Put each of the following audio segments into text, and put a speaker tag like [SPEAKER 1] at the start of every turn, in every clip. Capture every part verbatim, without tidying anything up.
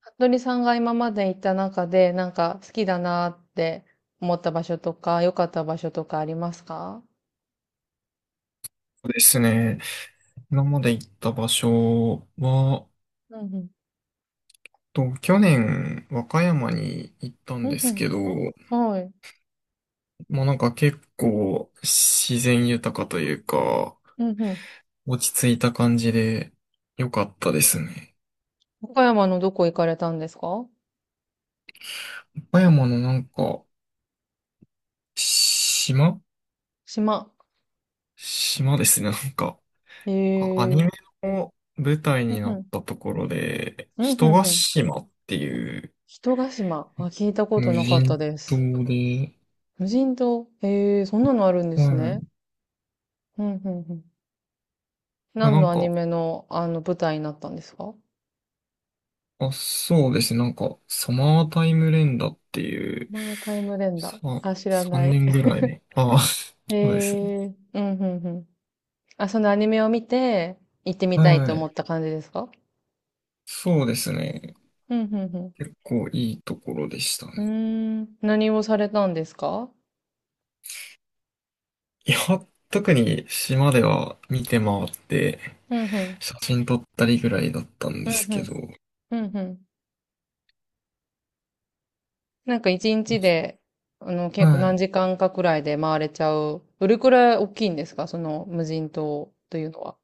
[SPEAKER 1] 服部さんが今まで行った中で、なんか好きだなって思った場所とか、良かった場所とかありますか？
[SPEAKER 2] そうですね。今まで行った場所は、
[SPEAKER 1] うんうん。
[SPEAKER 2] と、去年、和歌山に行ったん
[SPEAKER 1] うん
[SPEAKER 2] で
[SPEAKER 1] う
[SPEAKER 2] す
[SPEAKER 1] ん。
[SPEAKER 2] けど、
[SPEAKER 1] はい。
[SPEAKER 2] まあなんか結構自然豊かというか、
[SPEAKER 1] うんうん。
[SPEAKER 2] 落ち着いた感じで良かったですね。
[SPEAKER 1] 岡山のどこ行かれたんですか？
[SPEAKER 2] 和歌山のなんか、島
[SPEAKER 1] 島。
[SPEAKER 2] 島ですね。なんか、
[SPEAKER 1] へ
[SPEAKER 2] あアニメ
[SPEAKER 1] え。
[SPEAKER 2] の舞台
[SPEAKER 1] うん
[SPEAKER 2] にな
[SPEAKER 1] う
[SPEAKER 2] っ
[SPEAKER 1] ん。
[SPEAKER 2] たところで、
[SPEAKER 1] うん
[SPEAKER 2] 人
[SPEAKER 1] うん
[SPEAKER 2] が
[SPEAKER 1] うん。
[SPEAKER 2] 島っていう
[SPEAKER 1] 人ヶ島。あ、聞いたこと
[SPEAKER 2] 無
[SPEAKER 1] なかった
[SPEAKER 2] 人
[SPEAKER 1] です。
[SPEAKER 2] 島で、
[SPEAKER 1] 無人島。へえ、そんなのあるんで
[SPEAKER 2] う
[SPEAKER 1] すね。
[SPEAKER 2] ん。
[SPEAKER 1] うんうんうん。何
[SPEAKER 2] な
[SPEAKER 1] の
[SPEAKER 2] ん
[SPEAKER 1] アニ
[SPEAKER 2] か、
[SPEAKER 1] メの、あの、舞台になったんですか？
[SPEAKER 2] あ、そうですね。なんか、サマータイム連打っていう、
[SPEAKER 1] まあ、タイムレンダ
[SPEAKER 2] さ、
[SPEAKER 1] ー。あ、知らな
[SPEAKER 2] 3
[SPEAKER 1] い。
[SPEAKER 2] 年ぐらいね。ああ、
[SPEAKER 1] へ
[SPEAKER 2] そうですね。
[SPEAKER 1] え。うんうんうん。あ、そのアニメを見て、行ってみたい
[SPEAKER 2] は
[SPEAKER 1] と思
[SPEAKER 2] い。
[SPEAKER 1] った感じですか？
[SPEAKER 2] そうですね。
[SPEAKER 1] うん、うん、
[SPEAKER 2] 結構いいところでした
[SPEAKER 1] うん。う
[SPEAKER 2] ね。
[SPEAKER 1] ーん、何をされたんですか？
[SPEAKER 2] いや、特に島では見て回って、
[SPEAKER 1] うん、うん、
[SPEAKER 2] 写真撮ったりぐらいだったん
[SPEAKER 1] う
[SPEAKER 2] で
[SPEAKER 1] ん、
[SPEAKER 2] す
[SPEAKER 1] う
[SPEAKER 2] け
[SPEAKER 1] ん、
[SPEAKER 2] ど。
[SPEAKER 1] うん、うん。なんか一日で、あの、結構何
[SPEAKER 2] は
[SPEAKER 1] 時間かくらいで回れちゃう。どれくらい大きいんですか、その無人島というのは。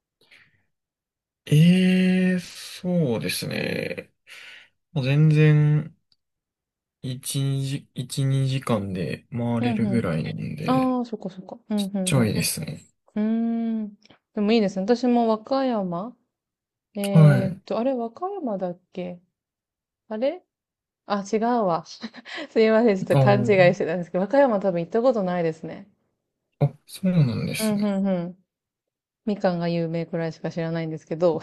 [SPEAKER 2] い。ええ、そうですね。もう全然、いち、にじ、いち、にじかんで回
[SPEAKER 1] う
[SPEAKER 2] れ
[SPEAKER 1] ん、
[SPEAKER 2] る
[SPEAKER 1] う
[SPEAKER 2] ぐ
[SPEAKER 1] ん。
[SPEAKER 2] らいなんで、
[SPEAKER 1] ああ、そっかそっか。うん、うん、う
[SPEAKER 2] ちょい
[SPEAKER 1] ん。
[SPEAKER 2] ですね。
[SPEAKER 1] うーん。でもいいですね。私も和歌山、
[SPEAKER 2] は
[SPEAKER 1] えー
[SPEAKER 2] い。
[SPEAKER 1] っと、あれ、和歌山だっけ？あれ、あ、違うわ。すいません、ちょっと
[SPEAKER 2] あ
[SPEAKER 1] 勘違いしてたんですけど、和歌山多分行ったことないですね。
[SPEAKER 2] あ、あ、そうなんで
[SPEAKER 1] う
[SPEAKER 2] す
[SPEAKER 1] ん、う
[SPEAKER 2] ね。
[SPEAKER 1] ん、うん。みかんが有名くらいしか知らないんですけど。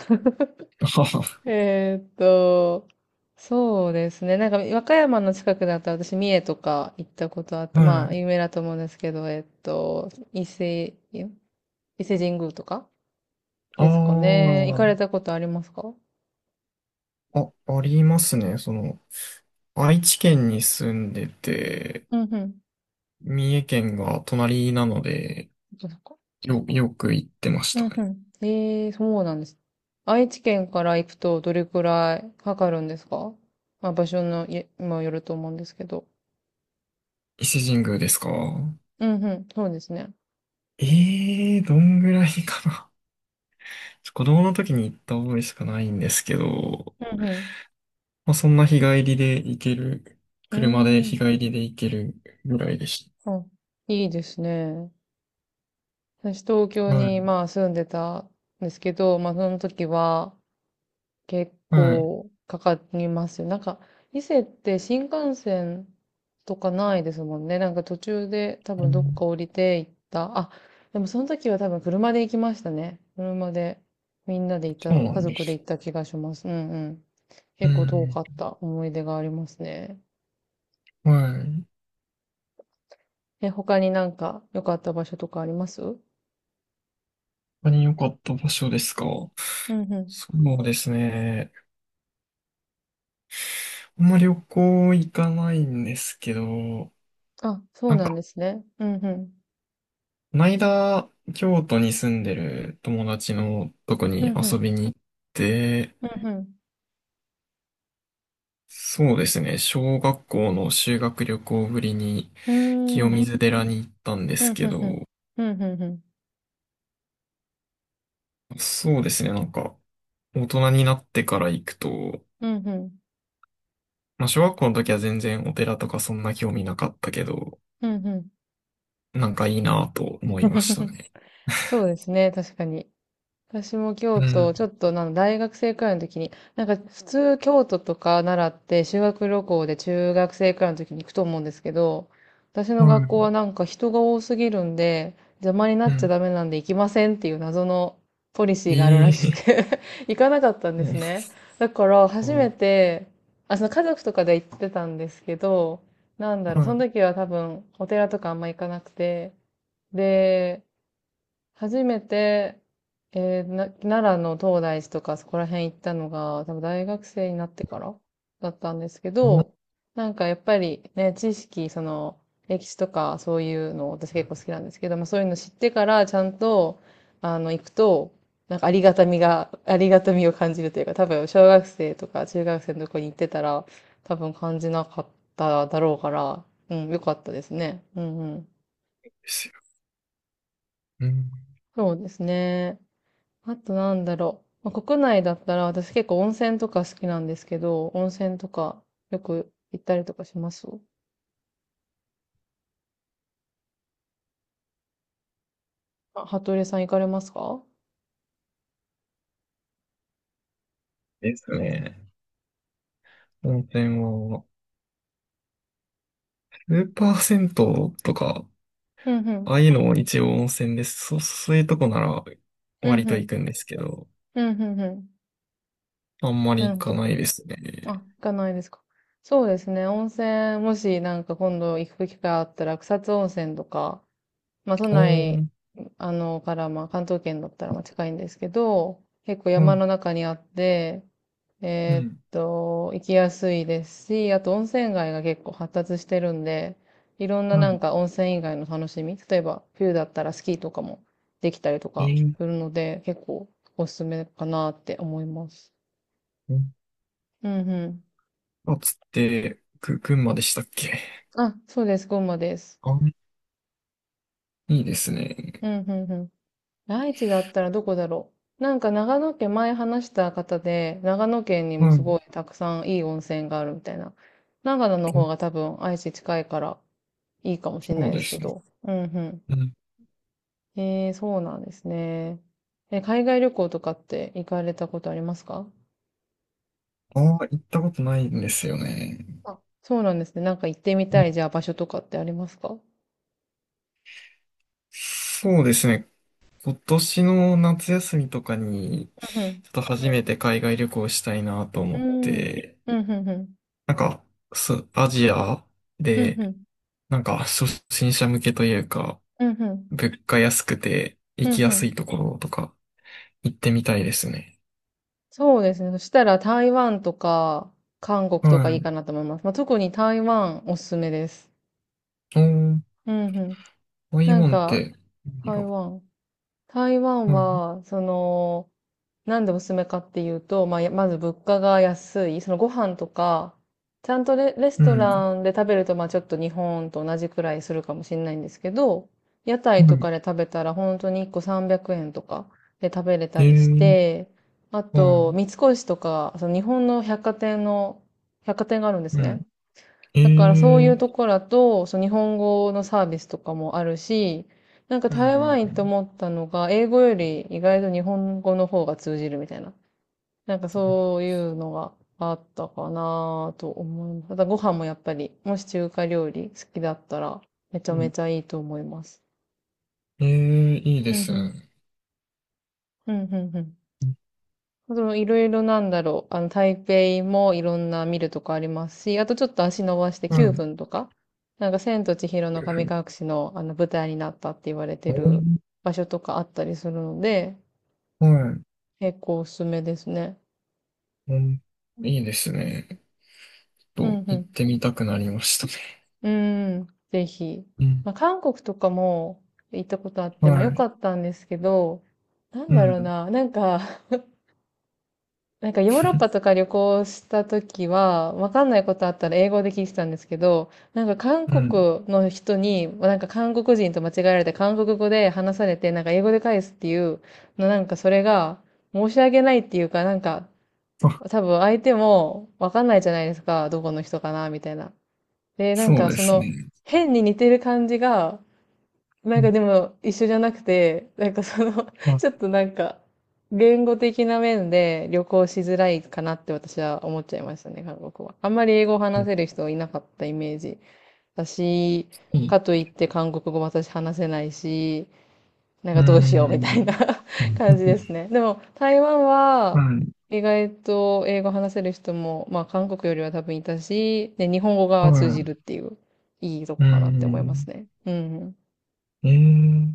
[SPEAKER 2] はは
[SPEAKER 1] えーっと、そうですね。なんか、和歌山の近くだったら私、三重とか行ったことあって、
[SPEAKER 2] は
[SPEAKER 1] まあ、
[SPEAKER 2] い。
[SPEAKER 1] 有名だと思うんですけど、えーっと、伊勢、伊勢神宮とかで
[SPEAKER 2] あ
[SPEAKER 1] すかね。行かれたことありますか？
[SPEAKER 2] あ、あ、ありますね。その、愛知県に住んでて、
[SPEAKER 1] うんうん。
[SPEAKER 2] 三重県が隣なので、
[SPEAKER 1] そっかそっか、
[SPEAKER 2] よ、よく行ってまし
[SPEAKER 1] う
[SPEAKER 2] た
[SPEAKER 1] んう
[SPEAKER 2] ね。
[SPEAKER 1] ん。ええ、そうなんです。愛知県から行くとどれくらいかかるんですか？まあ場所のいにもよると思うんですけど。
[SPEAKER 2] 伊勢神宮ですか？
[SPEAKER 1] うんうん、そうですね。
[SPEAKER 2] ええー、どんぐらいかな。子供の時に行った覚えしかないんですけど、
[SPEAKER 1] うん
[SPEAKER 2] まあ、そんな日帰りで行ける、
[SPEAKER 1] うん。
[SPEAKER 2] 車で
[SPEAKER 1] うー
[SPEAKER 2] 日
[SPEAKER 1] ん。
[SPEAKER 2] 帰りで行けるぐらいでし
[SPEAKER 1] あ、いいですね。私東京
[SPEAKER 2] た。はい。
[SPEAKER 1] にまあ住んでたんですけど、まあその時は、結
[SPEAKER 2] はい。
[SPEAKER 1] 構かかりますよ。なんか、伊勢って新幹線とかないですもんね。なんか途中で多
[SPEAKER 2] う
[SPEAKER 1] 分どっ
[SPEAKER 2] ん、
[SPEAKER 1] か降りて行った。あ、でもその時は多分車で行きましたね。車で、みんなで行っ
[SPEAKER 2] そ
[SPEAKER 1] た、
[SPEAKER 2] うな
[SPEAKER 1] 家
[SPEAKER 2] んで
[SPEAKER 1] 族で行
[SPEAKER 2] す。
[SPEAKER 1] った気がします。うんうん。
[SPEAKER 2] う
[SPEAKER 1] 結構遠
[SPEAKER 2] ん。
[SPEAKER 1] かった思い出がありますね。
[SPEAKER 2] はい。
[SPEAKER 1] え、他になんか良かった場所とかあります？うん
[SPEAKER 2] 他に良かった場所ですか？
[SPEAKER 1] うん。
[SPEAKER 2] そうですね。あんまり旅行行かないんですけど、
[SPEAKER 1] あ、そう
[SPEAKER 2] なん
[SPEAKER 1] なん
[SPEAKER 2] か、
[SPEAKER 1] ですね。うんうん。
[SPEAKER 2] この間、京都に住んでる友達のとこ
[SPEAKER 1] うん
[SPEAKER 2] に
[SPEAKER 1] うん。
[SPEAKER 2] 遊びに行って、
[SPEAKER 1] うん
[SPEAKER 2] そうですね。小学校の修学旅行ぶりに
[SPEAKER 1] うん。う
[SPEAKER 2] 清
[SPEAKER 1] ーん。
[SPEAKER 2] 水寺に行ったんで
[SPEAKER 1] う
[SPEAKER 2] す
[SPEAKER 1] ん
[SPEAKER 2] け
[SPEAKER 1] うんうん。
[SPEAKER 2] ど、
[SPEAKER 1] うんうんうん。
[SPEAKER 2] そうですね。なんか、大人になってから行くと、
[SPEAKER 1] うんうん。
[SPEAKER 2] まあ、小学校の時は全然お寺とかそんな興味なかったけど、
[SPEAKER 1] うんうん。
[SPEAKER 2] なんかいいなと思いました ね。
[SPEAKER 1] そうですね、確かに。私も
[SPEAKER 2] う
[SPEAKER 1] 京都、
[SPEAKER 2] ん。
[SPEAKER 1] ちょっとなん大学生くらいの時に、なんか普通京都とか奈良って修学旅行で中学生くらいの時に行くと思うんですけど、私
[SPEAKER 2] は
[SPEAKER 1] の学校は
[SPEAKER 2] い。
[SPEAKER 1] なんか人が多すぎるんで、邪魔にな
[SPEAKER 2] う
[SPEAKER 1] っちゃ
[SPEAKER 2] ん。
[SPEAKER 1] ダメなんで行きませんっていう謎のポリシ
[SPEAKER 2] い
[SPEAKER 1] ーがあるらしく
[SPEAKER 2] い。
[SPEAKER 1] て 行かなかったんで
[SPEAKER 2] う
[SPEAKER 1] す
[SPEAKER 2] ん。
[SPEAKER 1] ね。だから
[SPEAKER 2] そ
[SPEAKER 1] 初
[SPEAKER 2] う、
[SPEAKER 1] めて、あ、その家族とかで行ってたんですけど、なんだろ
[SPEAKER 2] は
[SPEAKER 1] う、そ
[SPEAKER 2] い、
[SPEAKER 1] の時は多分お寺とかあんま行かなくて、で、初めて、えーな、奈良の東大寺とかそこら辺行ったのが、多分大学生になってからだったんですけ
[SPEAKER 2] そう
[SPEAKER 1] ど、なんかやっぱりね、知識、その、歴史とかそういうの私結構好きなんですけど、まあそういうの知ってからちゃんと、あの、行くと、なんかありがたみが、ありがたみを感じるというか、多分小学生とか中学生のとこに行ってたら、多分感じなかっただろうから、うん、よかったですね。うんうん。
[SPEAKER 2] ですよ。うん。
[SPEAKER 1] そうですね。あとなんだろう。まあ、国内だったら私結構温泉とか好きなんですけど、温泉とかよく行ったりとかします？あ、服部さん行かれますか？
[SPEAKER 2] ですね。温泉は、スーパー銭湯とか、
[SPEAKER 1] うんう
[SPEAKER 2] あ
[SPEAKER 1] ん。
[SPEAKER 2] あいうのも一応温泉です。そ、そういうとこなら
[SPEAKER 1] う
[SPEAKER 2] 割
[SPEAKER 1] んう
[SPEAKER 2] と
[SPEAKER 1] ん。
[SPEAKER 2] 行くんですけど、
[SPEAKER 1] うんうんうん。
[SPEAKER 2] あんま
[SPEAKER 1] な
[SPEAKER 2] り
[SPEAKER 1] る
[SPEAKER 2] 行
[SPEAKER 1] ほ
[SPEAKER 2] か
[SPEAKER 1] ど。
[SPEAKER 2] ないです
[SPEAKER 1] あ、
[SPEAKER 2] ね。
[SPEAKER 1] 行かないですか。そうですね。温泉、もしなんか今度行く機会あったら草津温泉とか、まあ、都
[SPEAKER 2] おー、
[SPEAKER 1] 内、
[SPEAKER 2] う、
[SPEAKER 1] あの、から、まあ、関東圏だったら、まあ、近いんですけど、結構
[SPEAKER 2] は
[SPEAKER 1] 山
[SPEAKER 2] い。
[SPEAKER 1] の中にあって、
[SPEAKER 2] う
[SPEAKER 1] えーっ
[SPEAKER 2] ん。
[SPEAKER 1] と、行きやすいですし、あと温泉街が結構発達してるんで、いろんななん
[SPEAKER 2] は
[SPEAKER 1] か温泉以外の楽しみ、例えば冬だったらスキーとかもできたりと
[SPEAKER 2] い。
[SPEAKER 1] か
[SPEAKER 2] えー、
[SPEAKER 1] するので、結構おすすめかなって思います。
[SPEAKER 2] うん、
[SPEAKER 1] うんうん。
[SPEAKER 2] あつって、ぐ、群馬でしたっけ？
[SPEAKER 1] あ、そうです、群馬です。
[SPEAKER 2] あ、いいですね。
[SPEAKER 1] うんうんうん。愛知だったらどこだろう。なんか長野県、前話した方で、長野県にも
[SPEAKER 2] は
[SPEAKER 1] す
[SPEAKER 2] い。
[SPEAKER 1] ごいたくさんいい温泉があるみたいな。長野の
[SPEAKER 2] う
[SPEAKER 1] 方
[SPEAKER 2] ん、
[SPEAKER 1] が多分愛知近いからいいかもしれな
[SPEAKER 2] そう
[SPEAKER 1] いで
[SPEAKER 2] で
[SPEAKER 1] すけ
[SPEAKER 2] すね。
[SPEAKER 1] ど。うんう
[SPEAKER 2] うん、
[SPEAKER 1] ん。えー、そうなんですね。え、海外旅行とかって行かれたことありますか？
[SPEAKER 2] ああ、行ったことないんですよね。
[SPEAKER 1] あ、そうなんですね。なんか行ってみ
[SPEAKER 2] う
[SPEAKER 1] た
[SPEAKER 2] ん、
[SPEAKER 1] い、じゃあ場所とかってありますか？
[SPEAKER 2] そうですね。今年の夏休みとかに、
[SPEAKER 1] うん
[SPEAKER 2] ちょっと初めて海外旅行したいなと
[SPEAKER 1] う
[SPEAKER 2] 思っ
[SPEAKER 1] ん。うん。
[SPEAKER 2] て、
[SPEAKER 1] うんうんうん。
[SPEAKER 2] なんか、すアジア
[SPEAKER 1] うん
[SPEAKER 2] で、
[SPEAKER 1] うん。
[SPEAKER 2] なんか、初心者向けというか、
[SPEAKER 1] うんうん。
[SPEAKER 2] 物価安くて
[SPEAKER 1] う
[SPEAKER 2] 行
[SPEAKER 1] ん
[SPEAKER 2] き
[SPEAKER 1] う
[SPEAKER 2] やすい
[SPEAKER 1] ん。
[SPEAKER 2] ところとか行ってみたいですね。
[SPEAKER 1] そうですね。そしたら台湾とか韓国とかい
[SPEAKER 2] は
[SPEAKER 1] いか
[SPEAKER 2] い。
[SPEAKER 1] なと思います。まあ、特に台湾おすすめです。
[SPEAKER 2] おー、
[SPEAKER 1] うんうん。
[SPEAKER 2] ああいう
[SPEAKER 1] なん
[SPEAKER 2] んっ
[SPEAKER 1] か、
[SPEAKER 2] て、いい
[SPEAKER 1] 台
[SPEAKER 2] よ、
[SPEAKER 1] 湾。台湾
[SPEAKER 2] はい。
[SPEAKER 1] は、その、なんでおすすめかっていうと、まあ、やまず物価が安い、そのご飯とか、ちゃんとレ、レス
[SPEAKER 2] う
[SPEAKER 1] ト
[SPEAKER 2] ん。
[SPEAKER 1] ランで食べると、まあちょっと日本と同じくらいするかもしれないんですけど、屋台とかで
[SPEAKER 2] は
[SPEAKER 1] 食べたら本当にいっこさんびゃくえんとかで食べれ
[SPEAKER 2] い。
[SPEAKER 1] た
[SPEAKER 2] え
[SPEAKER 1] りし
[SPEAKER 2] ー、
[SPEAKER 1] て、あ
[SPEAKER 2] は
[SPEAKER 1] と、
[SPEAKER 2] い。
[SPEAKER 1] 三越とか、その日本の百貨店の、百貨店があるんです
[SPEAKER 2] うん。
[SPEAKER 1] ね。
[SPEAKER 2] え
[SPEAKER 1] だからそうい
[SPEAKER 2] ー、
[SPEAKER 1] うところだと、そう日本語のサービスとかもあるし、なんか
[SPEAKER 2] う
[SPEAKER 1] 台湾
[SPEAKER 2] ん。
[SPEAKER 1] 行って思ったのが、英語より意外と日本語の方が通じるみたいな。なんかそういうのがあったかなと思います。ただご飯もやっぱり、もし中華料理好きだったら、めちゃ
[SPEAKER 2] う
[SPEAKER 1] め
[SPEAKER 2] ん。
[SPEAKER 1] ちゃいいと思います。
[SPEAKER 2] ええ、いいで
[SPEAKER 1] うん
[SPEAKER 2] す
[SPEAKER 1] うん。
[SPEAKER 2] ね。
[SPEAKER 1] うんうんうん。そのいろいろなんだろう。あの、台北もいろんな見るとこありますし、あとちょっと足伸ばして
[SPEAKER 2] う
[SPEAKER 1] 9
[SPEAKER 2] ん。
[SPEAKER 1] 分とか、なんか千と千尋
[SPEAKER 2] い
[SPEAKER 1] の
[SPEAKER 2] う
[SPEAKER 1] 神
[SPEAKER 2] ふうに、
[SPEAKER 1] 隠しのあの舞台になったって言われてる
[SPEAKER 2] う、
[SPEAKER 1] 場所とかあったりするので、
[SPEAKER 2] はい。
[SPEAKER 1] 結構おすすめですね。
[SPEAKER 2] うん、いいですね。ちょ
[SPEAKER 1] う
[SPEAKER 2] っと、
[SPEAKER 1] んう
[SPEAKER 2] 行っ
[SPEAKER 1] ん。
[SPEAKER 2] てみたくなりましたね。
[SPEAKER 1] うーん、ぜひ。
[SPEAKER 2] うん。
[SPEAKER 1] まあ、韓国とかも行ったことあって、まあ良
[SPEAKER 2] はい。
[SPEAKER 1] かったんですけど、なん
[SPEAKER 2] う
[SPEAKER 1] だろう
[SPEAKER 2] ん。
[SPEAKER 1] な、なんかなんかヨーロッパと か旅行した時は、わかんないことあったら英語で聞いてたんですけど、なんか韓
[SPEAKER 2] うん。
[SPEAKER 1] 国の人に、なんか韓国人と間違えられて韓国語で話されて、なんか英語で返すっていう、のなんかそれが申し訳ないっていうか、なんか
[SPEAKER 2] あ、
[SPEAKER 1] 多分相手もわかんないじゃないですか、どこの人かな、みたいな。で、なん
[SPEAKER 2] そう
[SPEAKER 1] か
[SPEAKER 2] で
[SPEAKER 1] そ
[SPEAKER 2] す
[SPEAKER 1] の
[SPEAKER 2] ね。
[SPEAKER 1] 変に似てる感じが、な
[SPEAKER 2] う
[SPEAKER 1] ん
[SPEAKER 2] ん。
[SPEAKER 1] かでも一緒じゃなくて、なんかその
[SPEAKER 2] ま
[SPEAKER 1] ちょっ
[SPEAKER 2] あ、
[SPEAKER 1] となんか、言語的な面で旅行しづらいかなって私は思っちゃいましたね、韓国は。あんまり英語を話せる人いなかったイメージだし、
[SPEAKER 2] いい。
[SPEAKER 1] かといって韓国語も私話せないし、なん
[SPEAKER 2] う
[SPEAKER 1] かどうしよう
[SPEAKER 2] ー
[SPEAKER 1] みた
[SPEAKER 2] ん。
[SPEAKER 1] いな 感じです ね。でも台湾
[SPEAKER 2] は
[SPEAKER 1] は
[SPEAKER 2] い。
[SPEAKER 1] 意外と英語話せる人も、まあ韓国よりは多分いたし、で、日本語が通
[SPEAKER 2] は
[SPEAKER 1] じるっていう、いいと
[SPEAKER 2] い。う
[SPEAKER 1] こ
[SPEAKER 2] ー
[SPEAKER 1] かなって思います
[SPEAKER 2] ん。
[SPEAKER 1] ね。うん
[SPEAKER 2] ええ、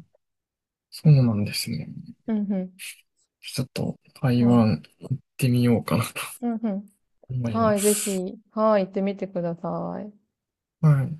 [SPEAKER 2] そうなんですね。
[SPEAKER 1] うん。うんうん。
[SPEAKER 2] ちょっと、台
[SPEAKER 1] はい、
[SPEAKER 2] 湾行ってみようかなと
[SPEAKER 1] うんうん。
[SPEAKER 2] 思い
[SPEAKER 1] は
[SPEAKER 2] ま
[SPEAKER 1] い、ぜ
[SPEAKER 2] す。
[SPEAKER 1] ひ、はい、行ってみてください。
[SPEAKER 2] はい。